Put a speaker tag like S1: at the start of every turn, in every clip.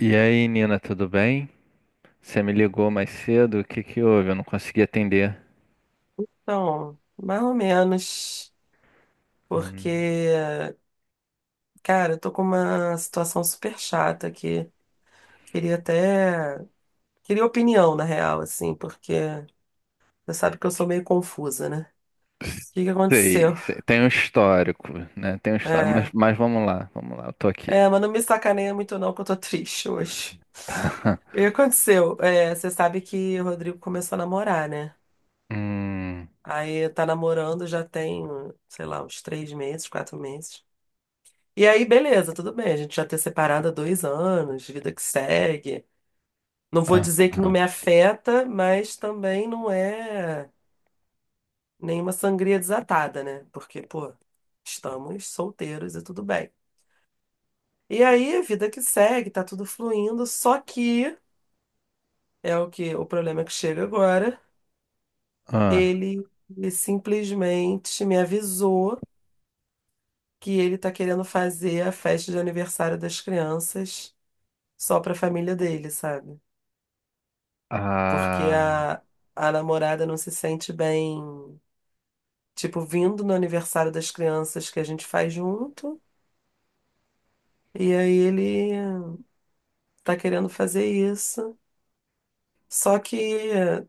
S1: E aí, Nina, tudo bem? Você me ligou mais cedo? O que que houve? Eu não consegui atender.
S2: Então, mais ou menos, porque,
S1: Hum.
S2: cara, eu tô com uma situação super chata aqui. Queria até. Queria opinião, na real, assim, porque você sabe que eu sou meio confusa, né? O que que
S1: Sei,
S2: aconteceu?
S1: sei. Tem um histórico, né? Tem um histórico, mas,
S2: É,
S1: mas vamos lá, eu tô aqui.
S2: é, mas não me sacaneia muito, não, que eu tô triste hoje.
S1: Tá.
S2: O que aconteceu? É, você sabe que o Rodrigo começou a namorar, né?
S1: Hum.
S2: Aí tá namorando já tem, sei lá, uns 3 meses, 4 meses. E aí, beleza, tudo bem. A gente já ter separado há 2 anos, vida que segue. Não vou
S1: Ah,
S2: dizer que não
S1: ah,
S2: me afeta, mas também não é nenhuma sangria desatada, né? Porque, pô, estamos solteiros e tudo bem. E aí, vida que segue, tá tudo fluindo, só que é o que o problema que chega agora.
S1: ah.
S2: Ele, ele simplesmente me avisou que ele tá querendo fazer a festa de aniversário das crianças só pra família dele, sabe? Porque
S1: Ah.
S2: a namorada não se sente bem, tipo, vindo no aniversário das crianças que a gente faz junto. E aí ele tá querendo fazer isso. Só que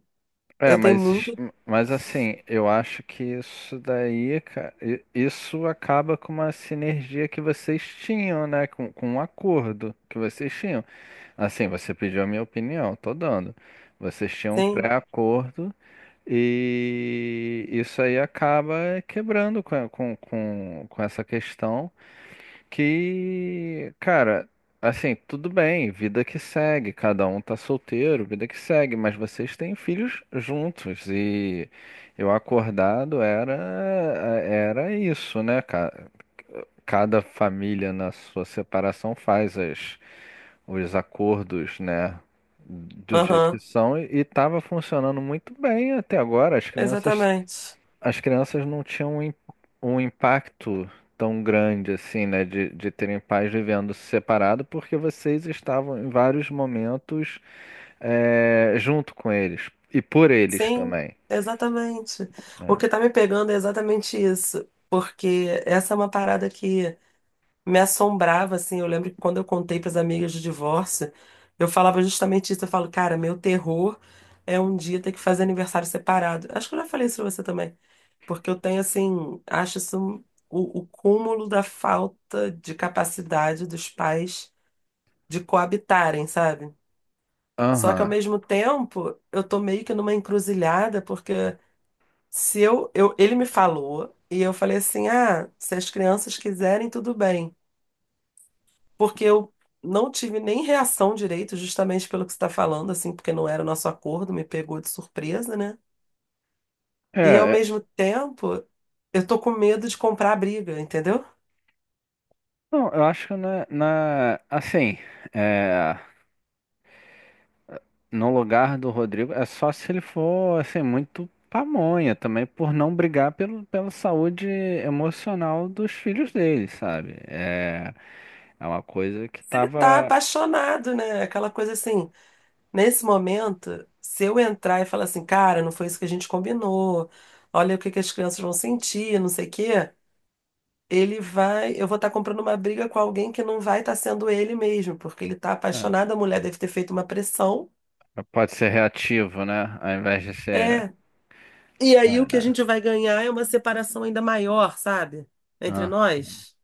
S1: É,
S2: eu tenho
S1: mas,
S2: muito.
S1: mas assim, eu acho que isso daí, cara, isso acaba com uma sinergia que vocês tinham, né? Com um acordo que vocês tinham. Assim, você pediu a minha opinião, tô dando. Vocês tinham um
S2: Sim,
S1: pré-acordo e isso aí acaba quebrando com essa questão que, cara, assim, tudo bem, vida que segue, cada um tá solteiro, vida que segue, mas vocês têm filhos juntos e eu acordado era isso, né? Cada família na sua separação faz as os acordos, né? Do jeito que
S2: aham,
S1: são, e estava funcionando muito bem até agora. As crianças
S2: exatamente.
S1: as crianças não tinham um, um impacto tão grande assim, né, de terem pais vivendo separado, porque vocês estavam em vários momentos junto com eles e por eles
S2: Sim,
S1: também.
S2: exatamente. O que tá me pegando é exatamente isso. Porque essa é uma parada que me assombrava, assim. Eu lembro que quando eu contei para as amigas do divórcio, eu falava justamente isso. Eu falo, cara, meu terror é um dia ter que fazer aniversário separado. Acho que eu já falei isso pra você também, porque eu tenho, assim, acho isso o cúmulo da falta de capacidade dos pais de coabitarem, sabe? Só que ao
S1: Aham.
S2: mesmo tempo, eu tô meio que numa encruzilhada, porque se eu, eu ele me falou e eu falei assim: "Ah, se as crianças quiserem, tudo bem". Porque eu não tive nem reação direito, justamente pelo que você está falando, assim, porque não era o nosso acordo, me pegou de surpresa, né?
S1: É,
S2: E ao mesmo tempo, eu tô com medo de comprar a briga, entendeu?
S1: não, eu acho que assim, é, no lugar do Rodrigo, é só se ele for, assim, muito pamonha também, por não brigar pela saúde emocional dos filhos dele, sabe? É, é uma coisa que
S2: Ele tá
S1: tava.
S2: apaixonado, né? Aquela coisa assim, nesse momento, se eu entrar e falar assim, cara, não foi isso que a gente combinou, olha o que que as crianças vão sentir, não sei o quê. Ele vai. Eu vou estar comprando uma briga com alguém que não vai estar sendo ele mesmo, porque ele está
S1: É,
S2: apaixonado, a mulher deve ter feito uma pressão.
S1: pode ser reativo, né? Ao invés de ser.
S2: É. E aí
S1: É,
S2: o que a
S1: né?
S2: gente vai ganhar é uma separação ainda maior, sabe? Entre
S1: Ah,
S2: nós.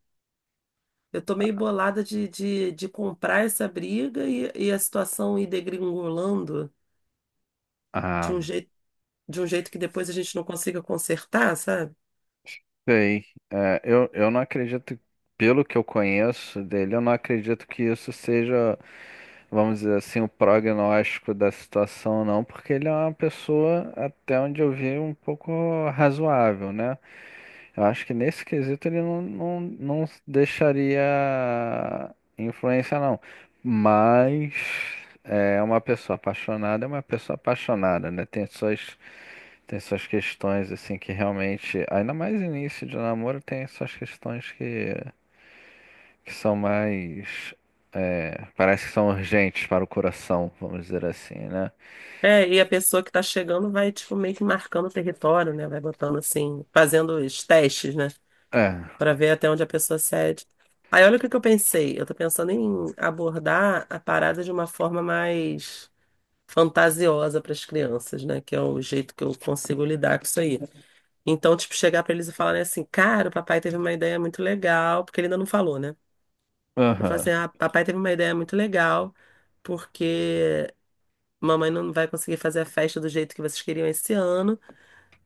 S2: Eu tô meio bolada de comprar essa briga e a situação ir degringolando de
S1: ah,
S2: um jeito, de um jeito que depois a gente não consiga consertar, sabe?
S1: sei. É, eu não acredito, pelo que eu conheço dele, eu não acredito que isso seja, vamos dizer assim, o prognóstico da situação, não, porque ele é uma pessoa, até onde eu vi, um pouco razoável, né? Eu acho que nesse quesito ele não deixaria influência, não. Mas é uma pessoa apaixonada, é uma pessoa apaixonada, né? Tem suas questões, assim, que realmente, ainda mais início de namoro, tem suas questões que são mais. É, parece que são urgentes para o coração, vamos dizer assim, né?
S2: É, e a pessoa que tá chegando vai, tipo, meio que marcando o território, né? Vai botando assim, fazendo os testes, né?
S1: É,
S2: Pra ver até onde a pessoa cede. Aí olha o que que eu pensei. Eu tô pensando em abordar a parada de uma forma mais fantasiosa para as crianças, né? Que é o jeito que eu consigo lidar com isso aí. Então, tipo, chegar pra eles e falar assim: "Cara, o papai teve uma ideia muito legal", porque ele ainda não falou, né? Eu falo
S1: aham.
S2: assim: "Ah, papai teve uma ideia muito legal, porque mamãe não vai conseguir fazer a festa do jeito que vocês queriam esse ano,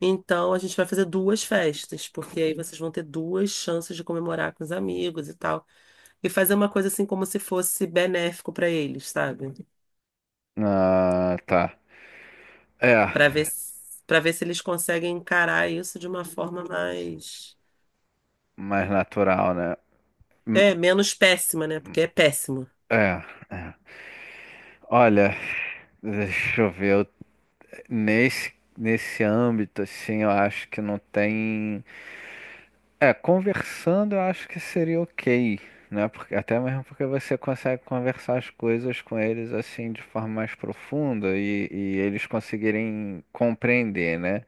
S2: então a gente vai fazer duas festas, porque aí vocês vão ter duas chances de comemorar com os amigos e tal". E fazer uma coisa assim como se fosse benéfico para eles, sabe?
S1: Ah, tá. É,
S2: Para ver, para ver se eles conseguem encarar isso de uma forma mais.
S1: mais natural, né?
S2: É, menos péssima, né? Porque é péssimo.
S1: É. É. Olha, deixa eu ver, nesse âmbito, assim, eu acho que não tem. É, conversando eu acho que seria ok, né? Porque, até mesmo porque você consegue conversar as coisas com eles, assim, de forma mais profunda e eles conseguirem compreender, né?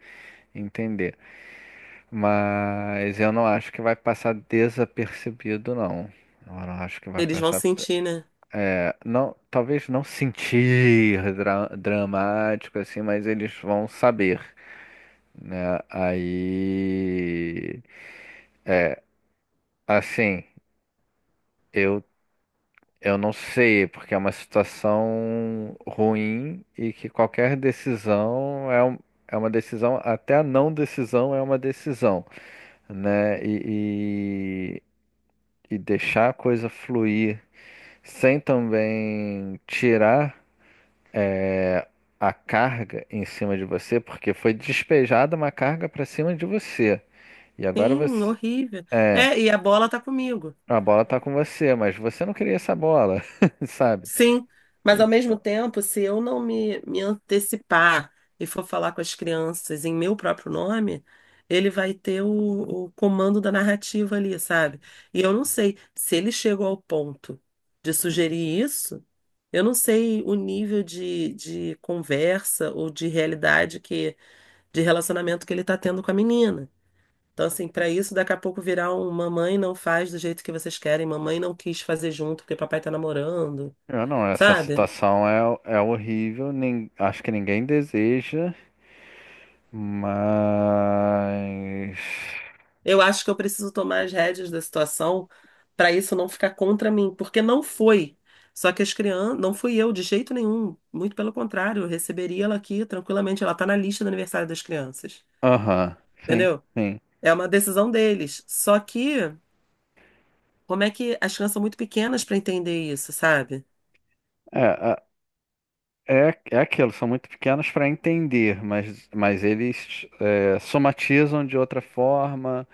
S1: Entender. Mas eu não acho que vai passar desapercebido, não. Eu não acho que vai
S2: Eles vão
S1: passar.
S2: sentir, né?
S1: Não, talvez não sentir dramático assim, mas eles vão saber, né? Aí, assim, eu eu não sei, porque é uma situação ruim e que qualquer decisão é, é uma decisão, até a não decisão é uma decisão, né? E deixar a coisa fluir sem também tirar. É, a carga em cima de você, porque foi despejada uma carga para cima de você. E agora
S2: Sim,
S1: você,
S2: horrível. É, e a bola tá comigo.
S1: a bola tá com você, mas você não queria essa bola, sabe?
S2: Sim, mas ao mesmo
S1: Então,
S2: tempo, se eu não me antecipar e for falar com as crianças em meu próprio nome, ele vai ter o comando da narrativa ali, sabe? E eu não sei se ele chegou ao ponto de sugerir isso, eu não sei o nível de conversa ou de realidade que, de relacionamento que ele tá tendo com a menina. Então, assim, para isso, daqui a pouco virar um mamãe não faz do jeito que vocês querem, mamãe não quis fazer junto porque papai tá namorando,
S1: eu não, essa
S2: sabe?
S1: situação é horrível, nem, acho que ninguém deseja, mas.
S2: Eu acho que eu preciso tomar as rédeas da situação para isso não ficar contra mim, porque não foi. Só que as crianças, não fui eu de jeito nenhum, muito pelo contrário, eu receberia ela aqui tranquilamente, ela tá na lista do aniversário das crianças,
S1: Aham, sim,
S2: entendeu?
S1: sim.
S2: É uma decisão deles. Só que, como é que as crianças são muito pequenas para entender isso, sabe?
S1: É, é aquilo, são muito pequenos para entender, mas eles somatizam de outra forma.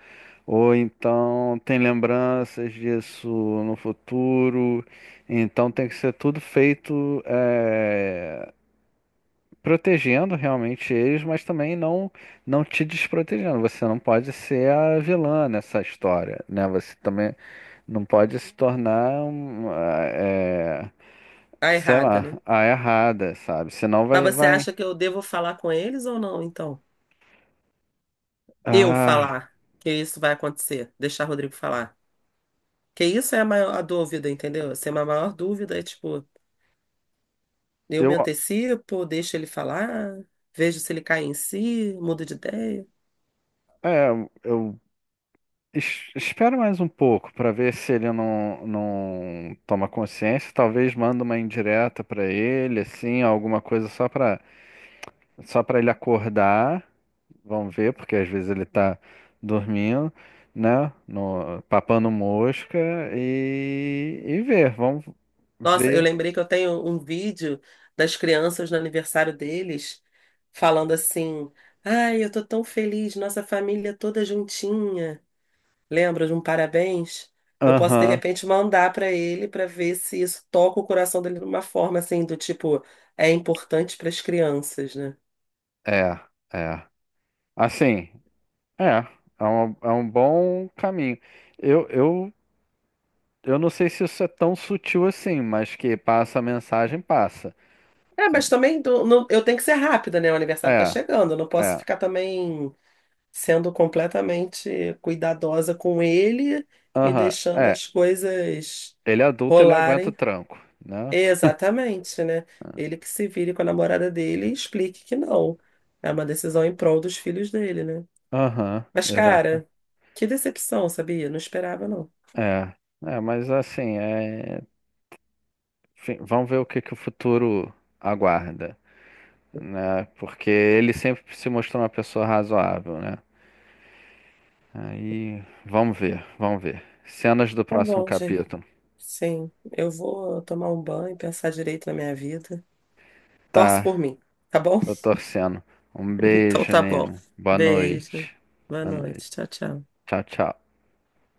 S1: Ou então tem lembranças disso no futuro. Então tem que ser tudo feito protegendo realmente eles, mas também não te desprotegendo. Você não pode ser a vilã nessa história, né? Você também não pode se tornar,
S2: Tá
S1: sei
S2: errada,
S1: lá,
S2: né?
S1: a errada, sabe? Senão
S2: Mas
S1: vai
S2: você
S1: vai.
S2: acha que eu devo falar com eles ou não, então? Eu
S1: Ah,
S2: falar que isso vai acontecer, deixar o Rodrigo falar. Que isso é a maior a dúvida, entendeu? Assim, a maior dúvida é tipo. Eu me
S1: eu
S2: antecipo, deixo ele falar, vejo se ele cai em si, mudo de ideia.
S1: é, eu Es- Espera mais um pouco para ver se ele não toma consciência. Talvez manda uma indireta para ele, assim, alguma coisa só para ele acordar. Vamos ver, porque às vezes ele tá dormindo, né? No, papando mosca e ver. Vamos
S2: Nossa, eu
S1: ver.
S2: lembrei que eu tenho um vídeo das crianças no aniversário deles falando assim: Ai, eu tô tão feliz, nossa família toda juntinha. Lembra de um parabéns? Eu posso de
S1: Aham,
S2: repente mandar pra ele pra ver se isso toca o coração dele de uma forma assim, do tipo, é importante para as crianças, né?
S1: é, é. Assim, é. É um bom caminho. Eu, eu Eu não sei se isso é tão sutil assim, mas que passa a mensagem, passa.
S2: É, mas também eu tenho que ser rápida, né? O aniversário tá
S1: É,
S2: chegando, eu não posso
S1: é.
S2: ficar também sendo completamente cuidadosa com ele e
S1: Aham,
S2: deixando
S1: é.
S2: as coisas
S1: Ele é adulto, ele aguenta o
S2: rolarem.
S1: tranco, né?
S2: Exatamente, né? Ele que se vire com a namorada dele e explique que não. É uma decisão em prol dos filhos dele, né?
S1: Aham,
S2: Mas,
S1: exato.
S2: cara, que decepção, sabia? Não esperava, não.
S1: É, é, mas assim, enfim, vamos ver o que que o futuro aguarda, né? Porque ele sempre se mostrou uma pessoa razoável, né? Aí, vamos ver, vamos ver. Cenas do
S2: Tá
S1: próximo
S2: bom, gente.
S1: capítulo.
S2: Sim, eu vou tomar um banho e pensar direito na minha vida. Torce
S1: Tá,
S2: por mim, tá bom?
S1: tô torcendo. Um
S2: Então
S1: beijo,
S2: tá bom.
S1: Nina. Boa
S2: Beijo.
S1: noite.
S2: Boa
S1: Boa noite.
S2: noite. Tchau, tchau.
S1: Tchau, tchau.